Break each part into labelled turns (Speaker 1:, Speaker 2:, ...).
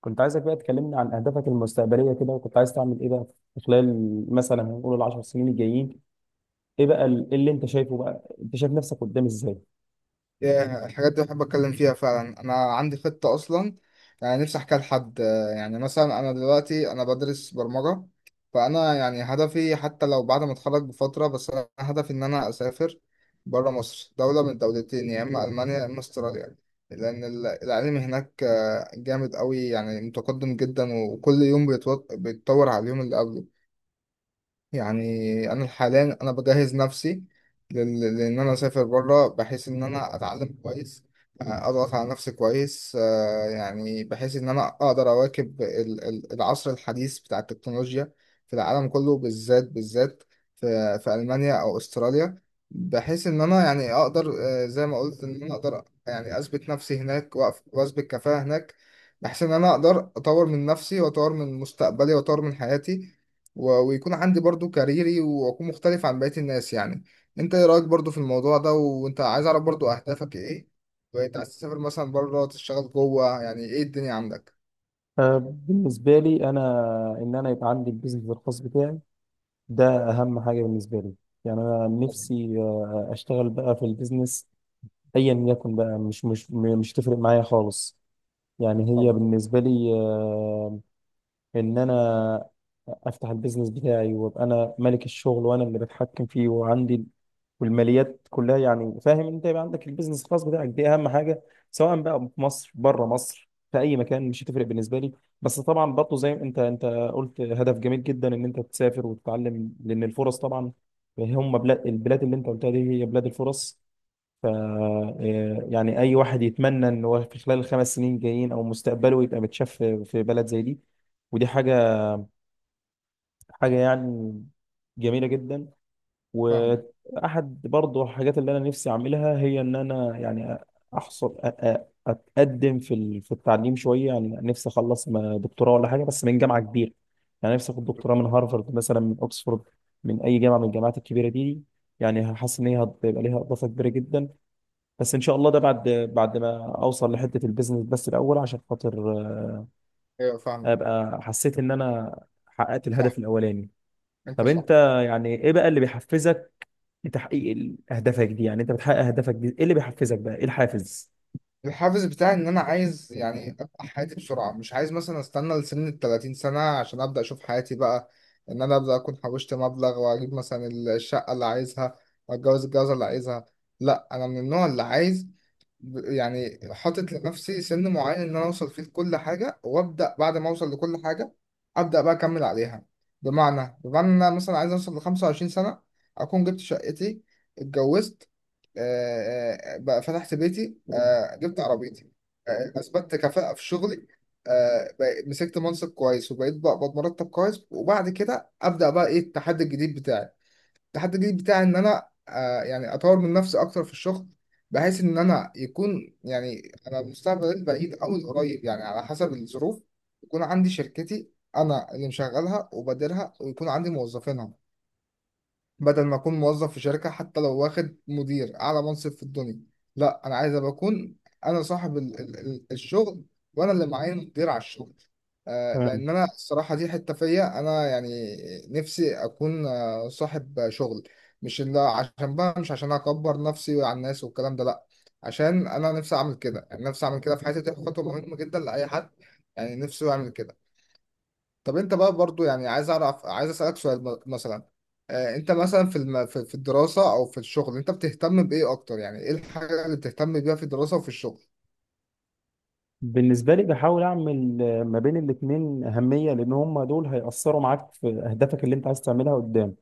Speaker 1: كنت عايزك بقى تكلمنا عن أهدافك المستقبلية كده، وكنت عايز تعمل إيه بقى في خلال مثلا هنقول العشر سنين الجايين. إيه بقى إيه اللي أنت شايفه بقى؟ أنت شايف نفسك قدام إزاي؟
Speaker 2: ياه، الحاجات دي بحب اتكلم فيها فعلا. انا عندي خطة اصلا، يعني نفسي احكيها لحد. يعني مثلا انا دلوقتي بدرس برمجة. فانا يعني هدفي حتى لو بعد ما اتخرج بفترة، بس انا هدفي ان انا اسافر بره مصر، دولة من الدولتين يا اما المانيا يا اما استراليا. لان العلم هناك جامد قوي، يعني متقدم جدا وكل يوم بيتطور على اليوم اللي قبله. يعني انا حاليا بجهز نفسي لان انا اسافر بره، بحيث ان انا اتعلم كويس، اضغط على نفسي كويس، يعني بحيث ان انا اقدر اواكب العصر الحديث بتاع التكنولوجيا في العالم كله، بالذات بالذات في المانيا او استراليا، بحيث ان انا يعني اقدر، زي ما قلت، ان انا اقدر يعني اثبت نفسي هناك واثبت كفاءة هناك، بحيث ان انا اقدر اطور من نفسي واطور من مستقبلي واطور من حياتي، ويكون عندي برضو كاريري واكون مختلف عن بقية الناس يعني. انت ايه رأيك برضو في الموضوع ده؟ وانت عايز اعرف برضو اهدافك ايه، وانت عايز تسافر مثلا بره، تشتغل جوه، يعني ايه الدنيا عندك؟
Speaker 1: بالنسبة لي أنا، إن أنا يبقى عندي البيزنس الخاص بتاعي، ده أهم حاجة بالنسبة لي. يعني أنا
Speaker 2: طبعا.
Speaker 1: نفسي أشتغل بقى في البيزنس، أيا يكن بقى، مش تفرق معايا خالص. يعني هي
Speaker 2: طبعا.
Speaker 1: بالنسبة لي، إن أنا افتح البيزنس بتاعي وابقى انا ملك الشغل وانا اللي بتحكم فيه وعندي والماليات كلها. يعني فاهم انت؟ يبقى عندك البيزنس الخاص بتاعك، دي اهم حاجه، سواء بقى في مصر، بره مصر، في اي مكان، مش هتفرق بالنسبه لي. بس طبعا برضه زي ما انت قلت، هدف جميل جدا ان انت تسافر وتتعلم، لان الفرص طبعا هم البلاد اللي انت قلتها دي هي بلاد الفرص. ف يعني اي واحد يتمنى ان هو في خلال الخمس سنين جايين او مستقبله يبقى متشاف في بلد زي دي، ودي حاجه يعني جميله جدا.
Speaker 2: فاهم.
Speaker 1: واحد برضو الحاجات اللي انا نفسي اعملها، هي ان انا يعني احصل اتقدم في التعليم شويه. يعني نفسي اخلص دكتوراه ولا حاجه بس من جامعه كبيره، يعني نفسي اخد دكتوراه من هارفارد مثلا، من اوكسفورد، من اي جامعه من الجامعات الكبيره دي. يعني حاسس ان هي هتبقى ليها اضافه كبيره جدا، بس ان شاء الله ده بعد ما اوصل لحته البيزنس بس الاول، عشان خاطر
Speaker 2: ايوه فاهمك.
Speaker 1: ابقى حسيت ان انا حققت
Speaker 2: صح.
Speaker 1: الهدف الاولاني.
Speaker 2: انت
Speaker 1: طب انت
Speaker 2: صح.
Speaker 1: يعني ايه بقى اللي بيحفزك لتحقيق اهدافك دي؟ يعني انت بتحقق اهدافك دي، ايه اللي بيحفزك بقى؟ ايه الحافز؟
Speaker 2: الحافز بتاعي ان انا عايز يعني ابقى حياتي بسرعة، مش عايز مثلا استنى لسن ال 30 سنة عشان ابدا اشوف حياتي بقى، ان انا ابدا اكون حوشت مبلغ واجيب مثلا الشقة اللي عايزها واتجوز الجوازة اللي عايزها. لا انا من النوع اللي عايز، يعني حاطط لنفسي سن معين ان انا اوصل فيه لكل حاجه، وابدا بعد ما اوصل لكل حاجه ابدا بقى اكمل عليها. بمعنى إن انا مثلا عايز اوصل ل 25 سنه اكون جبت شقتي، اتجوزت، بقى فتحت بيتي، جبت عربيتي، اثبتت كفاءه في شغلي، مسكت منصب كويس وبقيت بقبض مرتب كويس، وبعد كده ابدا بقى ايه التحدي الجديد بتاعي. التحدي الجديد بتاعي ان انا يعني اطور من نفسي اكتر في الشغل، بحيث ان انا يكون يعني انا المستقبل البعيد او القريب يعني على حسب الظروف يكون عندي شركتي انا اللي مشغلها وبديرها، ويكون عندي موظفينها، بدل ما اكون موظف في شركة حتى لو واخد مدير اعلى منصب في الدنيا. لا انا عايز ابقى اكون انا صاحب ال ال ال الشغل، وانا اللي معايا مدير على الشغل. آه،
Speaker 1: تمام.
Speaker 2: لان انا الصراحة دي حتة فيا انا، يعني نفسي اكون آه صاحب شغل. مش اللي عشان بقى، مش عشان اكبر نفسي على الناس والكلام ده، لا، عشان انا نفسي اعمل كده. يعني نفسي اعمل كده في حياتي، دي خطوة مهمة جدا لاي حد يعني نفسه يعمل كده. طب انت بقى برضو يعني عايز اعرف، عايز اسالك سؤال مثلا، انت مثلا في الدراسه او في الشغل انت بتهتم بايه اكتر؟ يعني ايه الحاجه اللي بتهتم بيها في الدراسه وفي الشغل؟
Speaker 1: بالنسبة لي بحاول أعمل ما بين الاتنين أهمية، لأن هما دول هيأثروا معاك في أهدافك اللي أنت عايز تعملها قدام.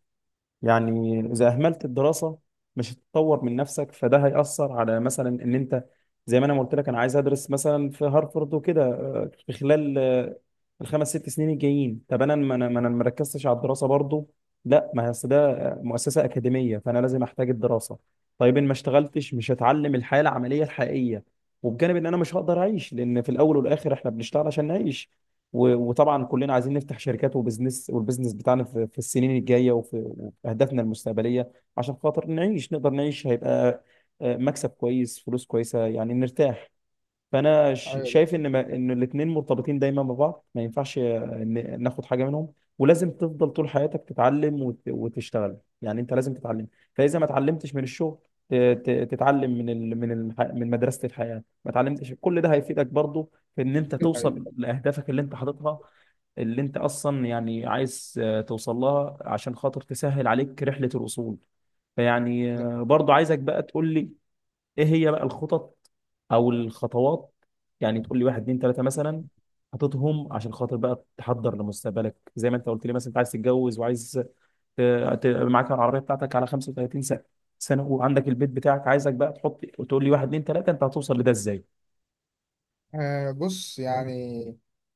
Speaker 1: يعني إذا أهملت الدراسة، مش هتتطور من نفسك، فده هيأثر على مثلا إن أنت زي ما أنا قلت لك، أنا عايز أدرس مثلا في هارفرد وكده في خلال الخمس ست سنين الجايين. طب أنا ما أنا ما ركزتش على الدراسة برضو؟ لا، ما هي أصل ده مؤسسة أكاديمية، فأنا لازم أحتاج الدراسة. طيب إن ما اشتغلتش، مش هتعلم الحياة العملية الحقيقية، وبجانب إن أنا مش هقدر أعيش، لأن في الأول والآخر إحنا بنشتغل عشان نعيش. وطبعا كلنا عايزين نفتح شركات وبزنس، والبزنس بتاعنا في السنين الجايه وفي اهدافنا المستقبليه، عشان خاطر نعيش، نقدر نعيش، هيبقى مكسب كويس، فلوس كويسه، يعني نرتاح. فانا
Speaker 2: ايوه ده.
Speaker 1: شايف ان، ما ان الاثنين مرتبطين دايما ببعض، ما ينفعش ناخد حاجه منهم، ولازم تفضل طول حياتك تتعلم وتشتغل، يعني انت لازم تتعلم. فاذا ما اتعلمتش من الشغل، تتعلم من مدرسه الحياه، ما اتعلمتش، كل ده هيفيدك برضو في ان انت توصل
Speaker 2: أيوة.
Speaker 1: لاهدافك اللي انت حاططها، اللي انت اصلا يعني عايز توصل لها، عشان خاطر تسهل عليك رحله الوصول. فيعني
Speaker 2: ده.
Speaker 1: برضو عايزك بقى تقول لي، ايه هي بقى الخطط او الخطوات؟ يعني تقول لي واحد اتنين تلاته مثلا حاططهم، عشان خاطر بقى تحضر لمستقبلك. زي ما انت قلت لي، مثلا انت عايز تتجوز، وعايز ت- معاك العربيه بتاعتك على 35 سنه، وعندك البيت بتاعك. عايزك بقى تحط وتقول لي واحد اتنين تلاته انت هتوصل لده ازاي.
Speaker 2: آه بص، يعني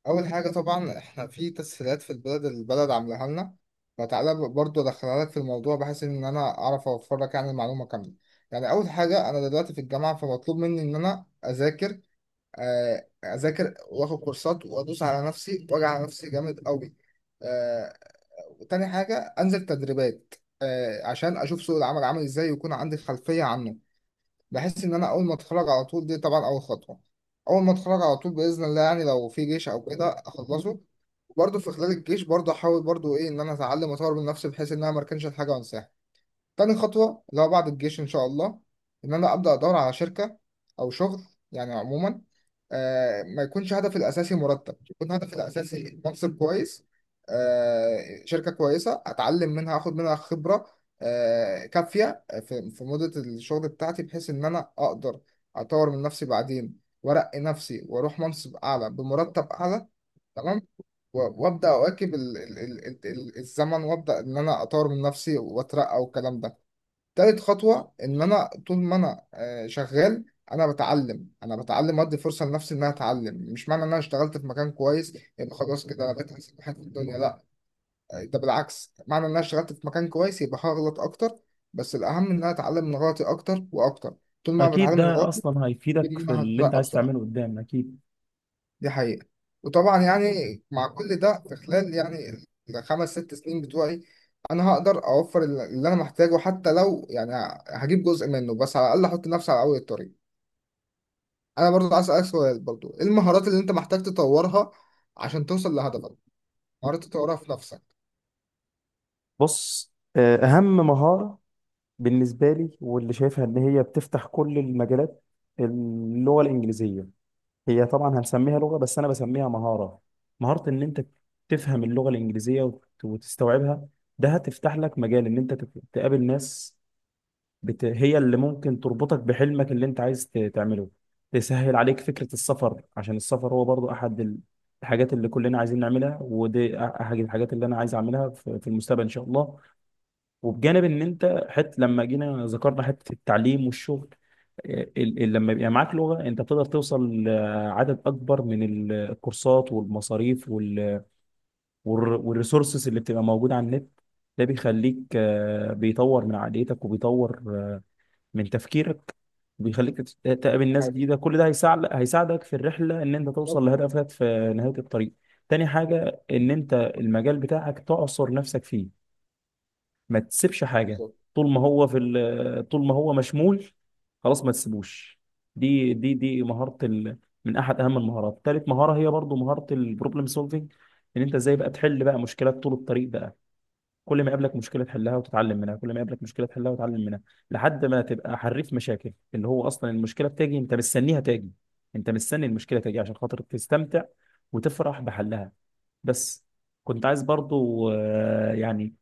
Speaker 2: أول حاجة طبعا إحنا في تسهيلات في البلد، البلد عاملاها لنا، فتعالى برضو أدخلها لك في الموضوع بحيث إن أنا أعرف أوفر لك يعني المعلومة كاملة. يعني أول حاجة، أنا دلوقتي في الجامعة، فمطلوب مني إن أنا أذاكر، اذاكر واخد كورسات وادوس على نفسي واجي على نفسي جامد قوي. آه، وتاني حاجه انزل تدريبات، عشان اشوف سوق العمل عامل ازاي ويكون عندي خلفيه عنه. بحس ان انا اول ما اتخرج على طول، دي طبعا اول خطوه. اول ما اتخرج على طول باذن الله، يعني لو في جيش او كده اخلصه، برضه في خلال الجيش برضه احاول برضه ايه، ان انا اتعلم واطور من نفسي بحيث ان انا ما اركنش الحاجه وانساها. تاني خطوة اللي هو بعد الجيش إن شاء الله، إن أنا أبدأ أدور على شركة أو شغل، يعني عموما ما يكونش هدفي الأساسي مرتب، يكون هدفي الأساسي منصب كويس، شركة كويسة أتعلم منها، أخد منها خبرة كافية في, في مدة الشغل بتاعتي، بحيث إن أنا أقدر أطور من نفسي بعدين وأرقي نفسي وأروح منصب أعلى بمرتب أعلى. تمام. وابدا اواكب الزمن وابدا ان انا اطور من نفسي واترقى والكلام ده. تالت خطوة إن أنا طول ما أنا شغال، أنا بتعلم وأدي فرصة لنفسي إن أنا أتعلم. مش معنى إن أنا اشتغلت في مكان كويس يبقى خلاص كده أنا بقيت أحسن واحد في الدنيا، لأ. ده بالعكس، معنى إن أنا اشتغلت في مكان كويس يبقى هغلط أكتر، بس الأهم إن أنا أتعلم من غلطي أكتر وأكتر. طول ما أنا
Speaker 1: اكيد
Speaker 2: بتعلم من
Speaker 1: ده
Speaker 2: غلطي،
Speaker 1: اصلا هيفيدك
Speaker 2: طول
Speaker 1: في
Speaker 2: ما أنا
Speaker 1: اللي انت
Speaker 2: هتبقى
Speaker 1: عايز
Speaker 2: بسرعة.
Speaker 1: تعمله قدام، اكيد.
Speaker 2: دي حقيقة. وطبعا يعني مع كل ده، في خلال يعني الخمس ست سنين بتوعي، انا هقدر اوفر اللي انا محتاجه، حتى لو يعني هجيب جزء منه، بس على الاقل احط نفسي على اول الطريق. انا برضو عايز اسالك سؤال برضو، ايه المهارات اللي انت محتاج تطورها عشان توصل لهدفك؟ مهارات تطورها في نفسك.
Speaker 1: بص، اهم مهاره بالنسبه لي، واللي شايفها ان هي بتفتح كل المجالات، اللغه الانجليزيه. هي طبعا هنسميها لغة، بس أنا بسميها مهارة، مهارة إن أنت تفهم اللغة الإنجليزية وتستوعبها. ده هتفتح لك مجال إن أنت تقابل ناس، هي اللي ممكن تربطك بحلمك اللي أنت عايز تعمله، تسهل عليك فكرة السفر، عشان السفر هو برضو أحد الحاجات اللي كلنا عايزين نعملها، ودي أحد الحاجات اللي أنا عايز أعملها في المستقبل إن شاء الله. وبجانب ان انت، لما جينا ذكرنا حته التعليم والشغل، لما يبقى معاك لغه، انت بتقدر توصل لعدد اكبر من الكورسات والمصاريف والريسورسز اللي بتبقى موجوده على النت. ده بيخليك بيطور من عقليتك، وبيطور من تفكيرك، وبيخليك تقابل
Speaker 2: دي
Speaker 1: ناس
Speaker 2: حقيقة.
Speaker 1: جديده، كل ده هيساعدك في الرحله ان انت توصل
Speaker 2: بالظبط.
Speaker 1: لهدفك في نهايه الطريق. تاني حاجه ان انت المجال بتاعك تعصر نفسك فيه، ما تسيبش حاجه،
Speaker 2: بالظبط.
Speaker 1: طول ما هو مشمول، خلاص ما تسيبوش. دي مهاره من احد اهم المهارات. تالت مهاره هي برضو مهاره البروبلم سولفنج، ان انت ازاي بقى تحل بقى مشكلات طول الطريق بقى. كل ما يقابلك مشكله تحلها وتتعلم منها، كل ما يقابلك مشكله تحلها وتتعلم منها، لحد ما تبقى حريف مشاكل، اللي هو اصلا المشكله بتاجي انت مستنيها تاجي، انت مستني المشكله تاجي عشان خاطر تستمتع وتفرح بحلها. بس كنت عايز برضو يعني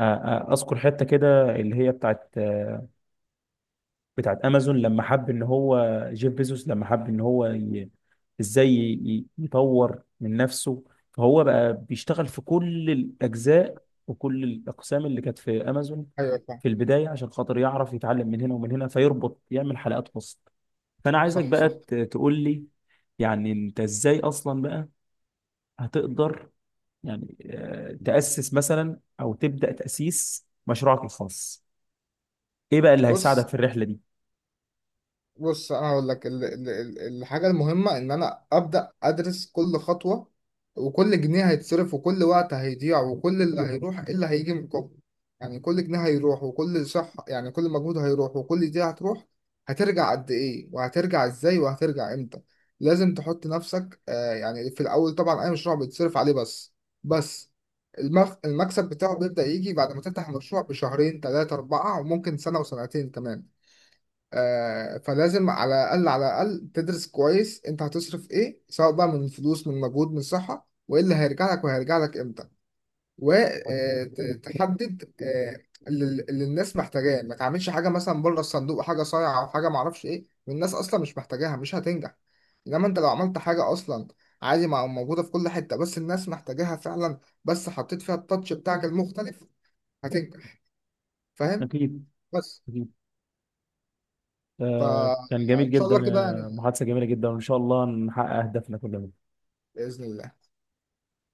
Speaker 1: آه، اذكر حته كده اللي هي بتاعت امازون، لما حب ان هو جيف بيزوس، لما حب ان هو ازاي يطور من نفسه، فهو بقى بيشتغل في كل الاجزاء وكل الاقسام اللي كانت في امازون
Speaker 2: ايوه فاهم.
Speaker 1: في البدايه، عشان خاطر يعرف يتعلم من هنا ومن هنا، فيربط يعمل حلقات وسط. فانا عايزك
Speaker 2: صح.
Speaker 1: بقى
Speaker 2: صح.
Speaker 1: تقول لي، يعني انت ازاي اصلا بقى هتقدر يعني تأسس مثلا او تبدأ تأسيس مشروعك الخاص؟ ايه بقى اللي
Speaker 2: بص.
Speaker 1: هيساعدك في الرحله دي؟
Speaker 2: بص انا هقول لك الحاجه المهمه، ان انا ابدا ادرس كل خطوه وكل جنيه هيتصرف وكل وقت هيضيع وكل اللي هيروح، إيه اللي هيجي مقابله. يعني كل جنيه هيروح وكل صح، يعني كل مجهود هيروح وكل دي هتروح، هترجع قد ايه وهترجع ازاي وهترجع امتى. لازم تحط نفسك يعني في الاول، طبعا اي مشروع بيتصرف عليه، بس بس المكسب بتاعه بيبدأ يجي بعد ما تفتح المشروع بشهرين ثلاثة أربعة وممكن سنة وسنتين كمان. فلازم على الأقل على الأقل تدرس كويس أنت هتصرف إيه، سواء بقى من فلوس من مجهود من صحة، وإيه اللي هيرجع لك وهيرجع لك إمتى، وتحدد اللي الناس محتاجاه. ما تعملش حاجة مثلا بره الصندوق، حاجة صايعة أو حاجة معرفش إيه والناس أصلا مش محتاجاها، مش هتنجح. إنما أنت لو عملت حاجة أصلا عادي، ما موجودة في كل حتة، بس الناس محتاجاها فعلا، بس حطيت فيها التاتش بتاعك المختلف، هتنجح. فاهم.
Speaker 1: أكيد.
Speaker 2: بس.
Speaker 1: أكيد. كان جميل
Speaker 2: فإن شاء
Speaker 1: جدا.
Speaker 2: الله كده يعني.
Speaker 1: محادثة جميلة جدا، وإن شاء الله نحقق أهدافنا كلنا.
Speaker 2: بإذن الله.